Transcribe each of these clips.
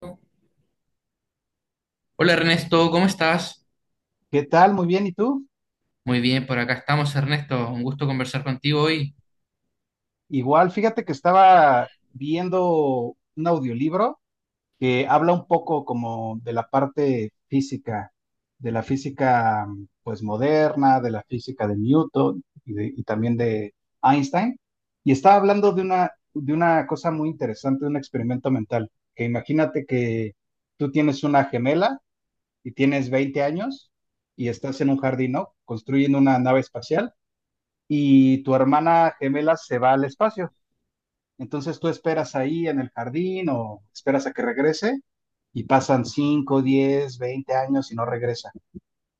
Hola Ernesto, ¿cómo estás? ¿Qué tal? Muy bien, ¿y tú? Muy bien, por acá estamos Ernesto, un gusto conversar contigo hoy. Igual, fíjate que estaba viendo un audiolibro que habla un poco como de la parte física, de la física pues moderna, de la física de Newton y también de Einstein, y estaba hablando de una cosa muy interesante, de un experimento mental, que imagínate que tú tienes una gemela y tienes 20 años y estás en un jardín, ¿no? Construyendo una nave espacial y tu hermana gemela se va al espacio. Entonces tú esperas ahí en el jardín o esperas a que regrese y pasan 5, 10, 20 años y no regresa.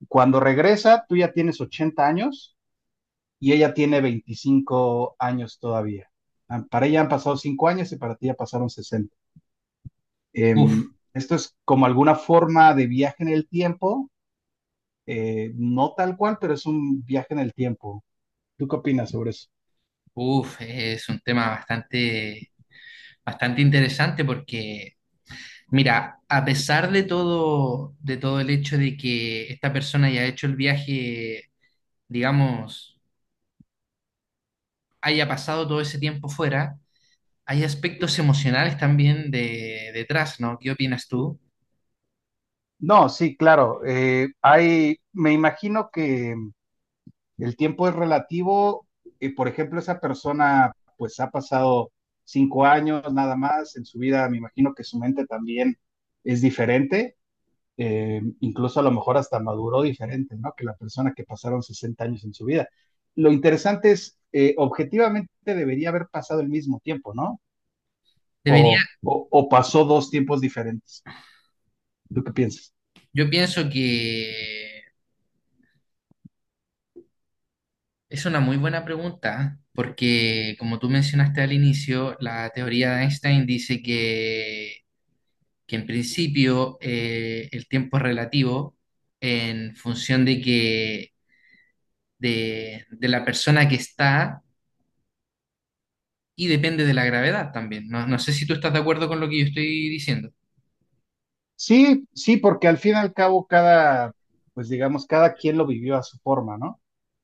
Cuando regresa, tú ya tienes 80 años y ella tiene 25 años todavía. Ah, para ella han pasado 5 años y para ti ya pasaron 60. Uf, Esto es como alguna forma de viaje en el tiempo, no tal cual, pero es un viaje en el tiempo. ¿Tú qué opinas sobre eso? uf, es un tema bastante interesante porque, mira, a pesar de todo el hecho de que esta persona haya hecho el viaje, digamos, haya pasado todo ese tiempo fuera, hay aspectos emocionales también detrás, ¿no? ¿Qué opinas tú? No, sí, claro. Me imagino que el tiempo es relativo. Por ejemplo, esa persona pues ha pasado 5 años nada más en su vida. Me imagino que su mente también es diferente. Incluso a lo mejor hasta maduró diferente, ¿no? Que la persona que pasaron 60 años en su vida. Lo interesante es, objetivamente debería haber pasado el mismo tiempo, ¿no? O, Debería. o pasó dos tiempos diferentes. ¿Tú qué piensas? Yo pienso que es una muy buena pregunta, porque como tú mencionaste al inicio, la teoría de Einstein dice que en principio el tiempo es relativo en función de que de la persona que está y depende de la gravedad también. No, no sé si tú estás de acuerdo con lo que yo estoy diciendo. Sí, sí, porque al fin y al cabo pues digamos, cada quien lo vivió a su forma, ¿no?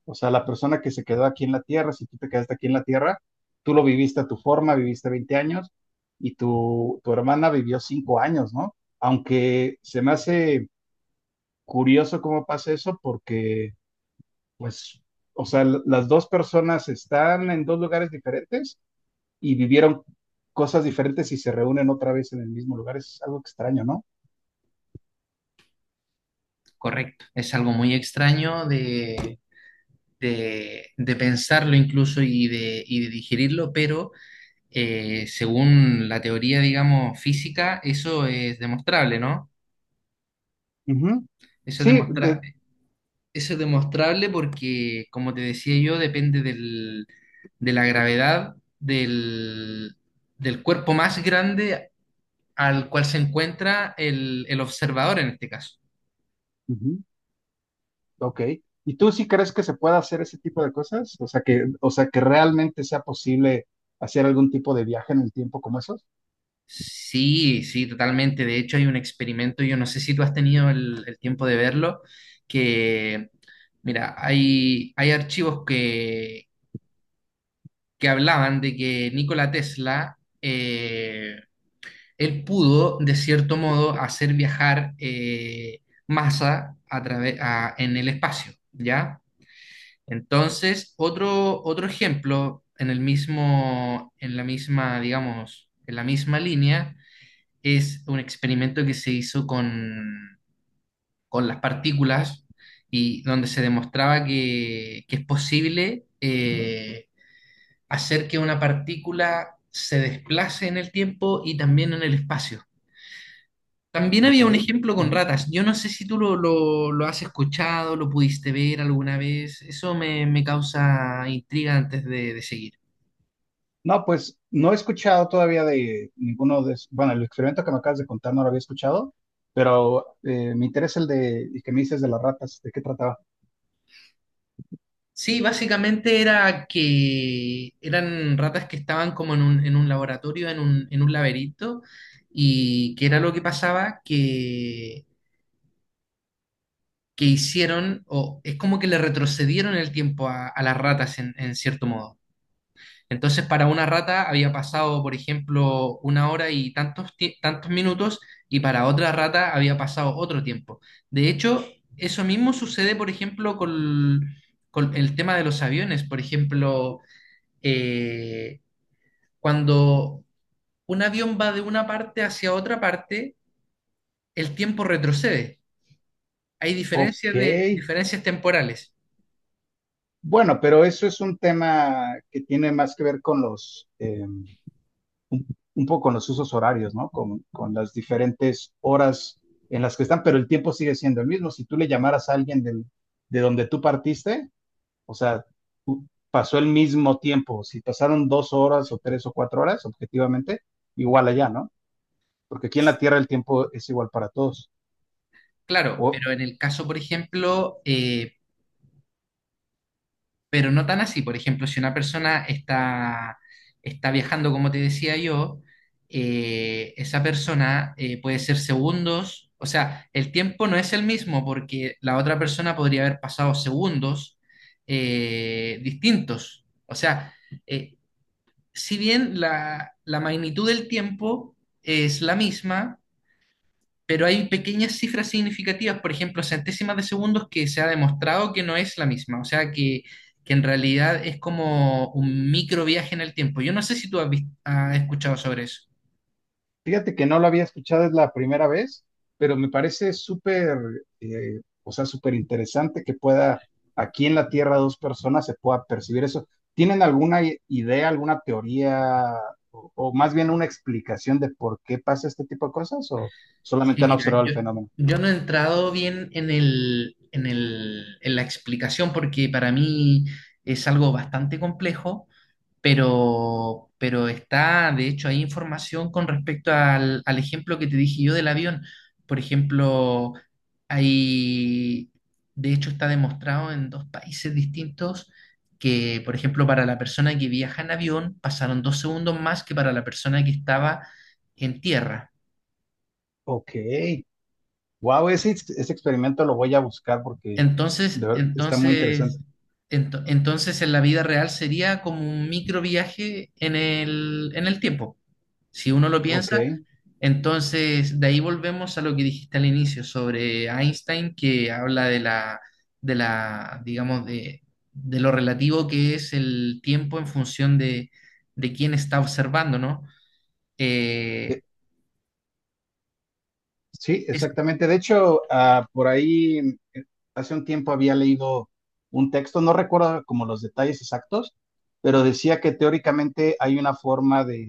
O sea, la persona que se quedó aquí en la Tierra, si tú te quedaste aquí en la Tierra, tú lo viviste a tu forma, viviste 20 años y tu hermana vivió 5 años, ¿no? Aunque se me hace curioso cómo pasa eso porque, pues, o sea, las dos personas están en dos lugares diferentes y vivieron cosas diferentes y se reúnen otra vez en el mismo lugar. Es algo extraño, ¿no? Correcto. Es algo muy extraño de pensarlo incluso y de digerirlo, pero según la teoría, digamos, física, eso es demostrable, ¿no? Ujú. Eso es Sí. demostrable. Eso es demostrable porque, como te decía yo, de la gravedad del cuerpo más grande al cual se encuentra el observador en este caso. Ujú. Ok. ¿Y tú sí crees que se pueda hacer ese tipo de cosas? O sea que realmente sea posible hacer algún tipo de viaje en el tiempo como esos. Sí, sí, totalmente. De hecho, hay un experimento, yo no sé si tú has tenido el tiempo de verlo, que, mira, hay archivos que hablaban de que Nikola Tesla, él pudo, de cierto modo, hacer viajar masa a en el espacio, ¿ya? Entonces, otro ejemplo en el mismo, en la misma, digamos, en la misma línea, es un experimento que se hizo con las partículas y donde se demostraba que es posible hacer que una partícula se desplace en el tiempo y también en el espacio. También Ok. había un ejemplo con Ujú. ratas. Yo no sé si tú lo has escuchado, lo pudiste ver alguna vez. Eso me causa intriga antes de seguir. No, pues no he escuchado todavía de ninguno de, bueno, el experimento que me acabas de contar no lo había escuchado, pero me interesa el que me dices de las ratas, ¿de qué trataba? Sí, básicamente era que eran ratas que estaban como en un laboratorio, en un laberinto, y que era lo que pasaba, que hicieron, o es como que le retrocedieron el tiempo a las ratas en cierto modo. Entonces, para una rata había pasado, por ejemplo, una hora y tantos, tantos minutos, y para otra rata había pasado otro tiempo. De hecho, eso mismo sucede, por ejemplo, con el tema de los aviones. Por ejemplo, eh, cuando un avión va de una parte hacia otra parte, el tiempo retrocede. Hay Ok. diferencias diferencias temporales. Bueno, pero eso es un tema que tiene más que ver con los, un poco con los usos horarios, ¿no? Las diferentes horas en las que están, pero el tiempo sigue siendo el mismo. Si tú le llamaras a alguien de donde tú partiste, o sea, tú, pasó el mismo tiempo. Si pasaron 2 horas o 3 o 4 horas, objetivamente, igual allá, ¿no? Porque aquí en la Tierra el tiempo es igual para todos. Claro, O, pero en el caso, por ejemplo, pero no tan así. Por ejemplo, si una persona está, está viajando, como te decía yo, esa persona puede ser segundos, o sea, el tiempo no es el mismo porque la otra persona podría haber pasado segundos distintos. O sea, eh, si bien la magnitud del tiempo es la misma, pero hay pequeñas cifras significativas, por ejemplo, centésimas de segundos que se ha demostrado que no es la misma, o sea que en realidad es como un micro viaje en el tiempo. Yo no sé si tú has escuchado sobre eso. Fíjate que no lo había escuchado, es la primera vez, pero me parece súper, o sea, súper interesante que pueda aquí en la Tierra dos personas se pueda percibir eso. ¿Tienen alguna idea, alguna teoría o más bien una explicación de por qué pasa este tipo de cosas o solamente Sí, han mira, observado el yo, fenómeno? yo no he entrado bien en el, en el, en la explicación porque para mí es algo bastante complejo. Pero está, de hecho, hay información con respecto al ejemplo que te dije yo del avión. Por ejemplo, hay, de hecho, está demostrado en dos países distintos que, por ejemplo, para la persona que viaja en avión pasaron dos segundos más que para la persona que estaba en tierra. Ok, wow, ese experimento lo voy a buscar porque Entonces, está muy interesante. entonces, entonces en la vida real sería como un micro viaje en el tiempo. Si uno lo Ok. piensa, entonces de ahí volvemos a lo que dijiste al inicio sobre Einstein, que habla de la, digamos, de lo relativo que es el tiempo en función de quién está observando, ¿no? Eh, Sí, es, exactamente. De hecho, ah, por ahí eh, hace un tiempo había leído un texto, no recuerdo como los detalles exactos, pero decía que teóricamente hay una forma de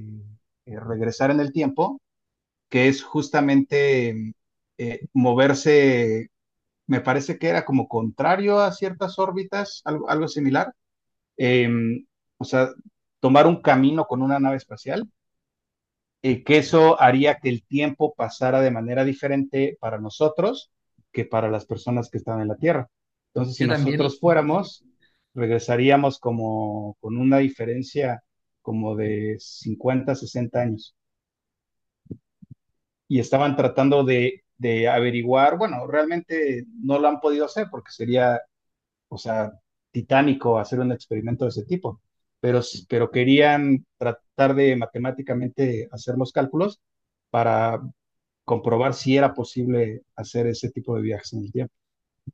regresar en el tiempo, que es justamente moverse, me parece que era como contrario a ciertas órbitas, algo similar. Em, o sea, tomar un camino con una nave espacial y que eso haría que el tiempo pasara de manera diferente para nosotros que para las personas que están en la Tierra. Entonces, si yo también, nosotros fuéramos, regresaríamos como con una diferencia como de 50, 60 años. Y estaban tratando de averiguar, bueno, realmente no lo han podido hacer porque sería, o sea, titánico hacer un experimento de ese tipo, pero, pero querían tratar de matemáticamente hacer los cálculos para comprobar si era posible hacer ese tipo de viajes en el tiempo.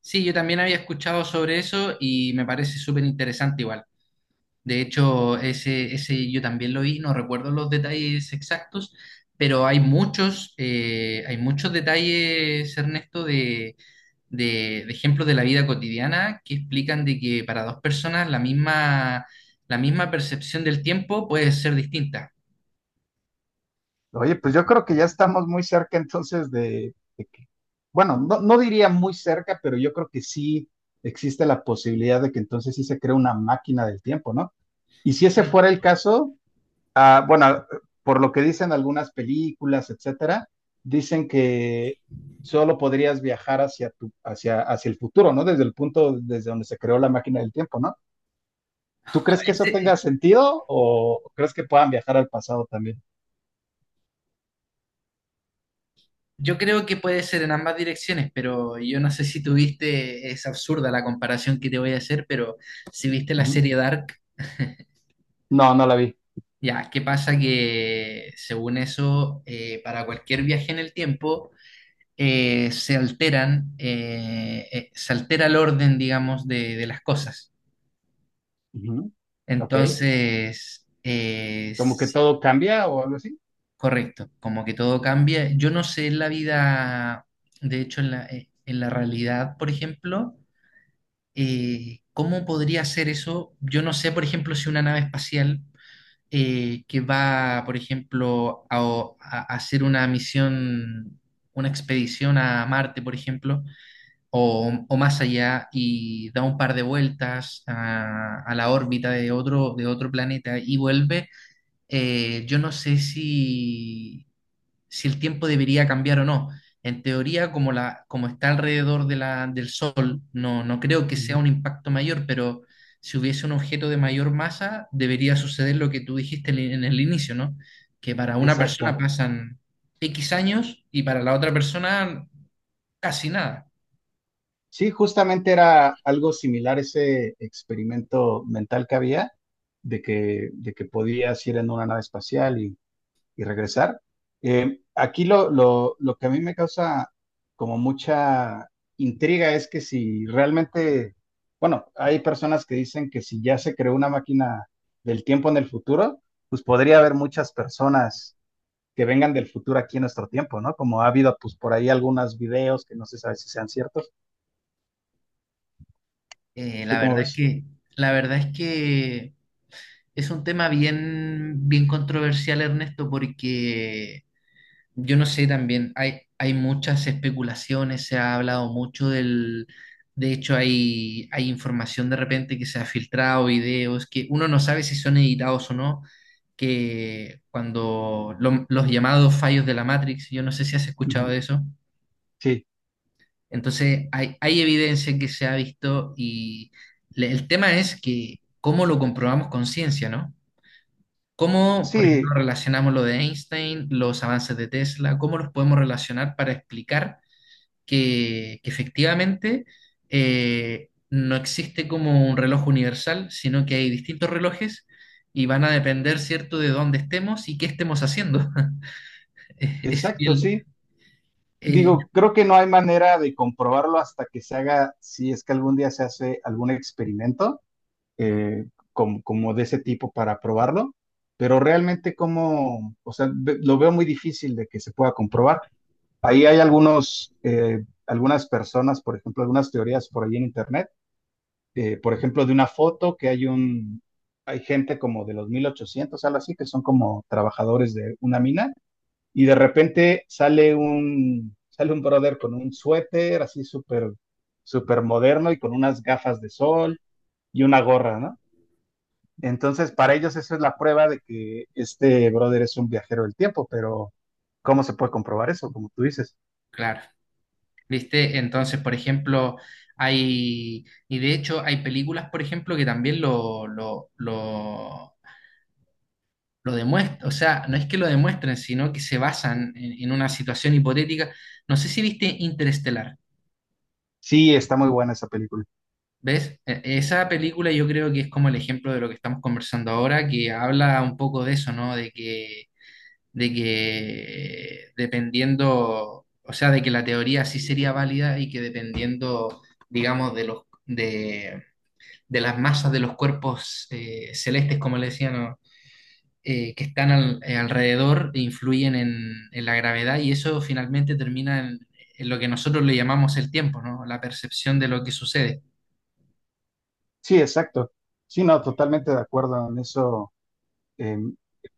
sí, yo también había escuchado sobre eso y me parece súper interesante igual. De hecho, ese yo también lo vi, no recuerdo los detalles exactos, pero hay muchos detalles, Ernesto, de ejemplos de la vida cotidiana que explican de que para dos personas la misma percepción del tiempo puede ser distinta. Oye, pues yo creo que ya estamos muy cerca entonces de que, bueno, no, no diría muy cerca, pero yo creo que sí existe la posibilidad de que entonces sí se cree una máquina del tiempo, ¿no? Y si ese fuera el caso, ah, bueno, por lo que dicen algunas películas, etcétera, dicen que solo podrías viajar hacia el futuro, ¿no? Desde el punto desde donde se creó la máquina del tiempo, ¿no? ¿Tú No, crees que eso tenga sentido o crees que puedan viajar al pasado también? yo creo que puede ser en ambas direcciones, pero yo no sé si tuviste, es absurda la comparación que te voy a hacer, pero si viste la Ujú. serie Dark. No, no la vi. Ya, ¿qué pasa? Que según eso, para cualquier viaje en el tiempo, se altera el orden, digamos, de las cosas. Ujú. Ok. Entonces, Como que sí, todo cambia o algo así. correcto, como que todo cambia. Yo no sé en la vida, de hecho, en la realidad, por ejemplo, ¿cómo podría ser eso? Yo no sé, por ejemplo, si una nave espacial que va, por ejemplo, a hacer una misión, una expedición a Marte, por ejemplo, o más allá, y da un par de vueltas a la órbita de otro planeta y vuelve. Yo no sé si si el tiempo debería cambiar o no. En teoría, como está alrededor de la, del Sol, no, no creo que sea Ujú. un impacto mayor, pero si hubiese un objeto de mayor masa, debería suceder lo que tú dijiste en el inicio, ¿no? Que para una persona Exacto. pasan X años y para la otra persona casi nada. Sí, justamente era algo similar ese experimento mental que había de que podías ir en una nave espacial y regresar. Aquí lo que a mí me causa como mucha intriga es que si realmente, bueno, hay personas que dicen que si ya se creó una máquina del tiempo en el futuro, pues podría haber muchas personas que vengan del futuro aquí en nuestro tiempo, ¿no? Como ha habido pues por ahí algunos videos que no se sabe si sean ciertos. Eh, ¿Tú la cómo verdad es ves? que, la verdad es que es un tema bien, bien controversial, Ernesto, porque yo no sé también, hay muchas especulaciones, se ha hablado mucho de hecho hay, hay información de repente que se ha filtrado, videos, que uno no sabe si son editados o no, que los llamados fallos de la Matrix, yo no sé si has escuchado Ujú. de eso, Sí, entonces hay evidencia que se ha visto y el tema es que cómo lo comprobamos con ciencia, ¿no? ¿Cómo, por ejemplo, sí, relacionamos lo de Einstein, los avances de Tesla? ¿Cómo los podemos relacionar para explicar que efectivamente no existe como un reloj universal, sino que hay distintos relojes y van a depender, ¿cierto?, de dónde estemos y qué estemos haciendo. Es exacto, bien, sí. eh, Digo, creo que no hay manera de comprobarlo hasta que se haga, si es que algún día se hace algún experimento eh, como, como de ese tipo para probarlo, pero realmente o sea, lo veo muy difícil de que se pueda comprobar. Ahí hay algunas personas, por ejemplo, algunas teorías por ahí en internet, por ejemplo, de una foto que hay gente como de los 1800, algo así, que son como trabajadores de una mina y de repente sale un brother con un suéter así súper súper moderno y con unas gafas de sol y una gorra, ¿no? Entonces, para ellos eso es la prueba de que este brother es un viajero del tiempo, pero ¿cómo se puede comprobar eso? Como tú dices. claro, ¿viste? Entonces, por ejemplo, hay, y de hecho hay películas, por ejemplo, que también lo demuestran, o sea, no es que lo demuestren, sino que se basan en una situación hipotética. No sé si viste Interestelar, Sí, está muy buena esa película. ¿ves? E- Esa película yo creo que es como el ejemplo de lo que estamos conversando ahora, que habla un poco de eso, ¿no? De que dependiendo, o sea, de que la teoría sí sería válida y que dependiendo, digamos, de los... De las masas de los cuerpos celestes, como le decían, ¿no? Alrededor e influyen en la gravedad y eso finalmente termina en lo que nosotros le llamamos el tiempo, ¿no? La percepción de lo que sucede. Sí, exacto. Sí, no, totalmente de acuerdo en eso. Eh,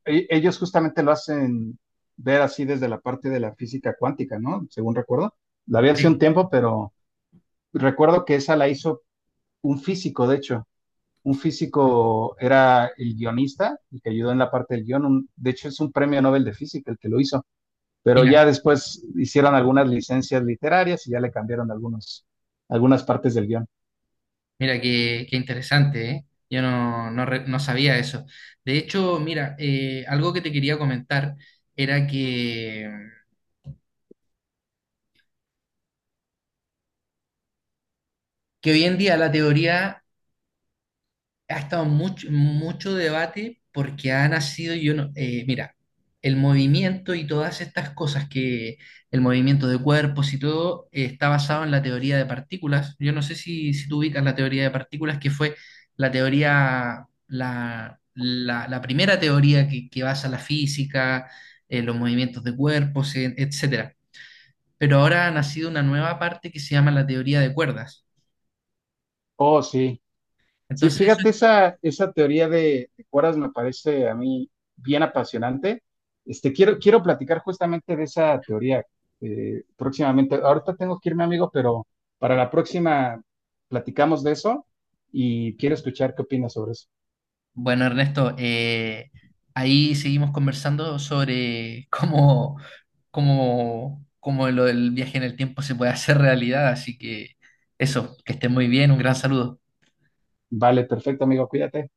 ellos justamente lo hacen ver así desde la parte de la física cuántica, ¿no? Según recuerdo. La vi hace un Sí, tiempo, pero recuerdo que esa la hizo un físico, de hecho. Un físico era el guionista, el que ayudó en la parte del guión. De hecho, es un premio Nobel de Física el que lo hizo. Pero mira, ya después hicieron algunas licencias literarias y ya le cambiaron algunos, algunas partes del guión. Mira qué, qué interesante, ¿eh? Yo no, no, re- No sabía eso. De hecho, mira, algo que te quería comentar era que hoy en día la teoría ha estado mucho debate porque ha nacido, yo no, mira, el movimiento y todas estas cosas que el movimiento de cuerpos y todo está basado en la teoría de partículas. Yo no sé si, si tú ubicas la teoría de partículas, que fue la teoría, la primera teoría que basa la física, los movimientos de cuerpos, etcétera. Pero ahora ha nacido una nueva parte que se llama la teoría de cuerdas. Oh, sí. Sí, Entonces, eso. fíjate, esa teoría de cuerdas me parece a mí bien apasionante. Este, quiero platicar justamente de esa teoría próximamente. Ahorita tengo que irme, amigo, pero para la próxima platicamos de eso y quiero escuchar qué opinas sobre eso. Bueno, Ernesto, ahí seguimos conversando sobre cómo lo del viaje en el tiempo se puede hacer realidad, así que eso, que esté muy bien, un gran saludo. Vale, perfecto, amigo, cuídate.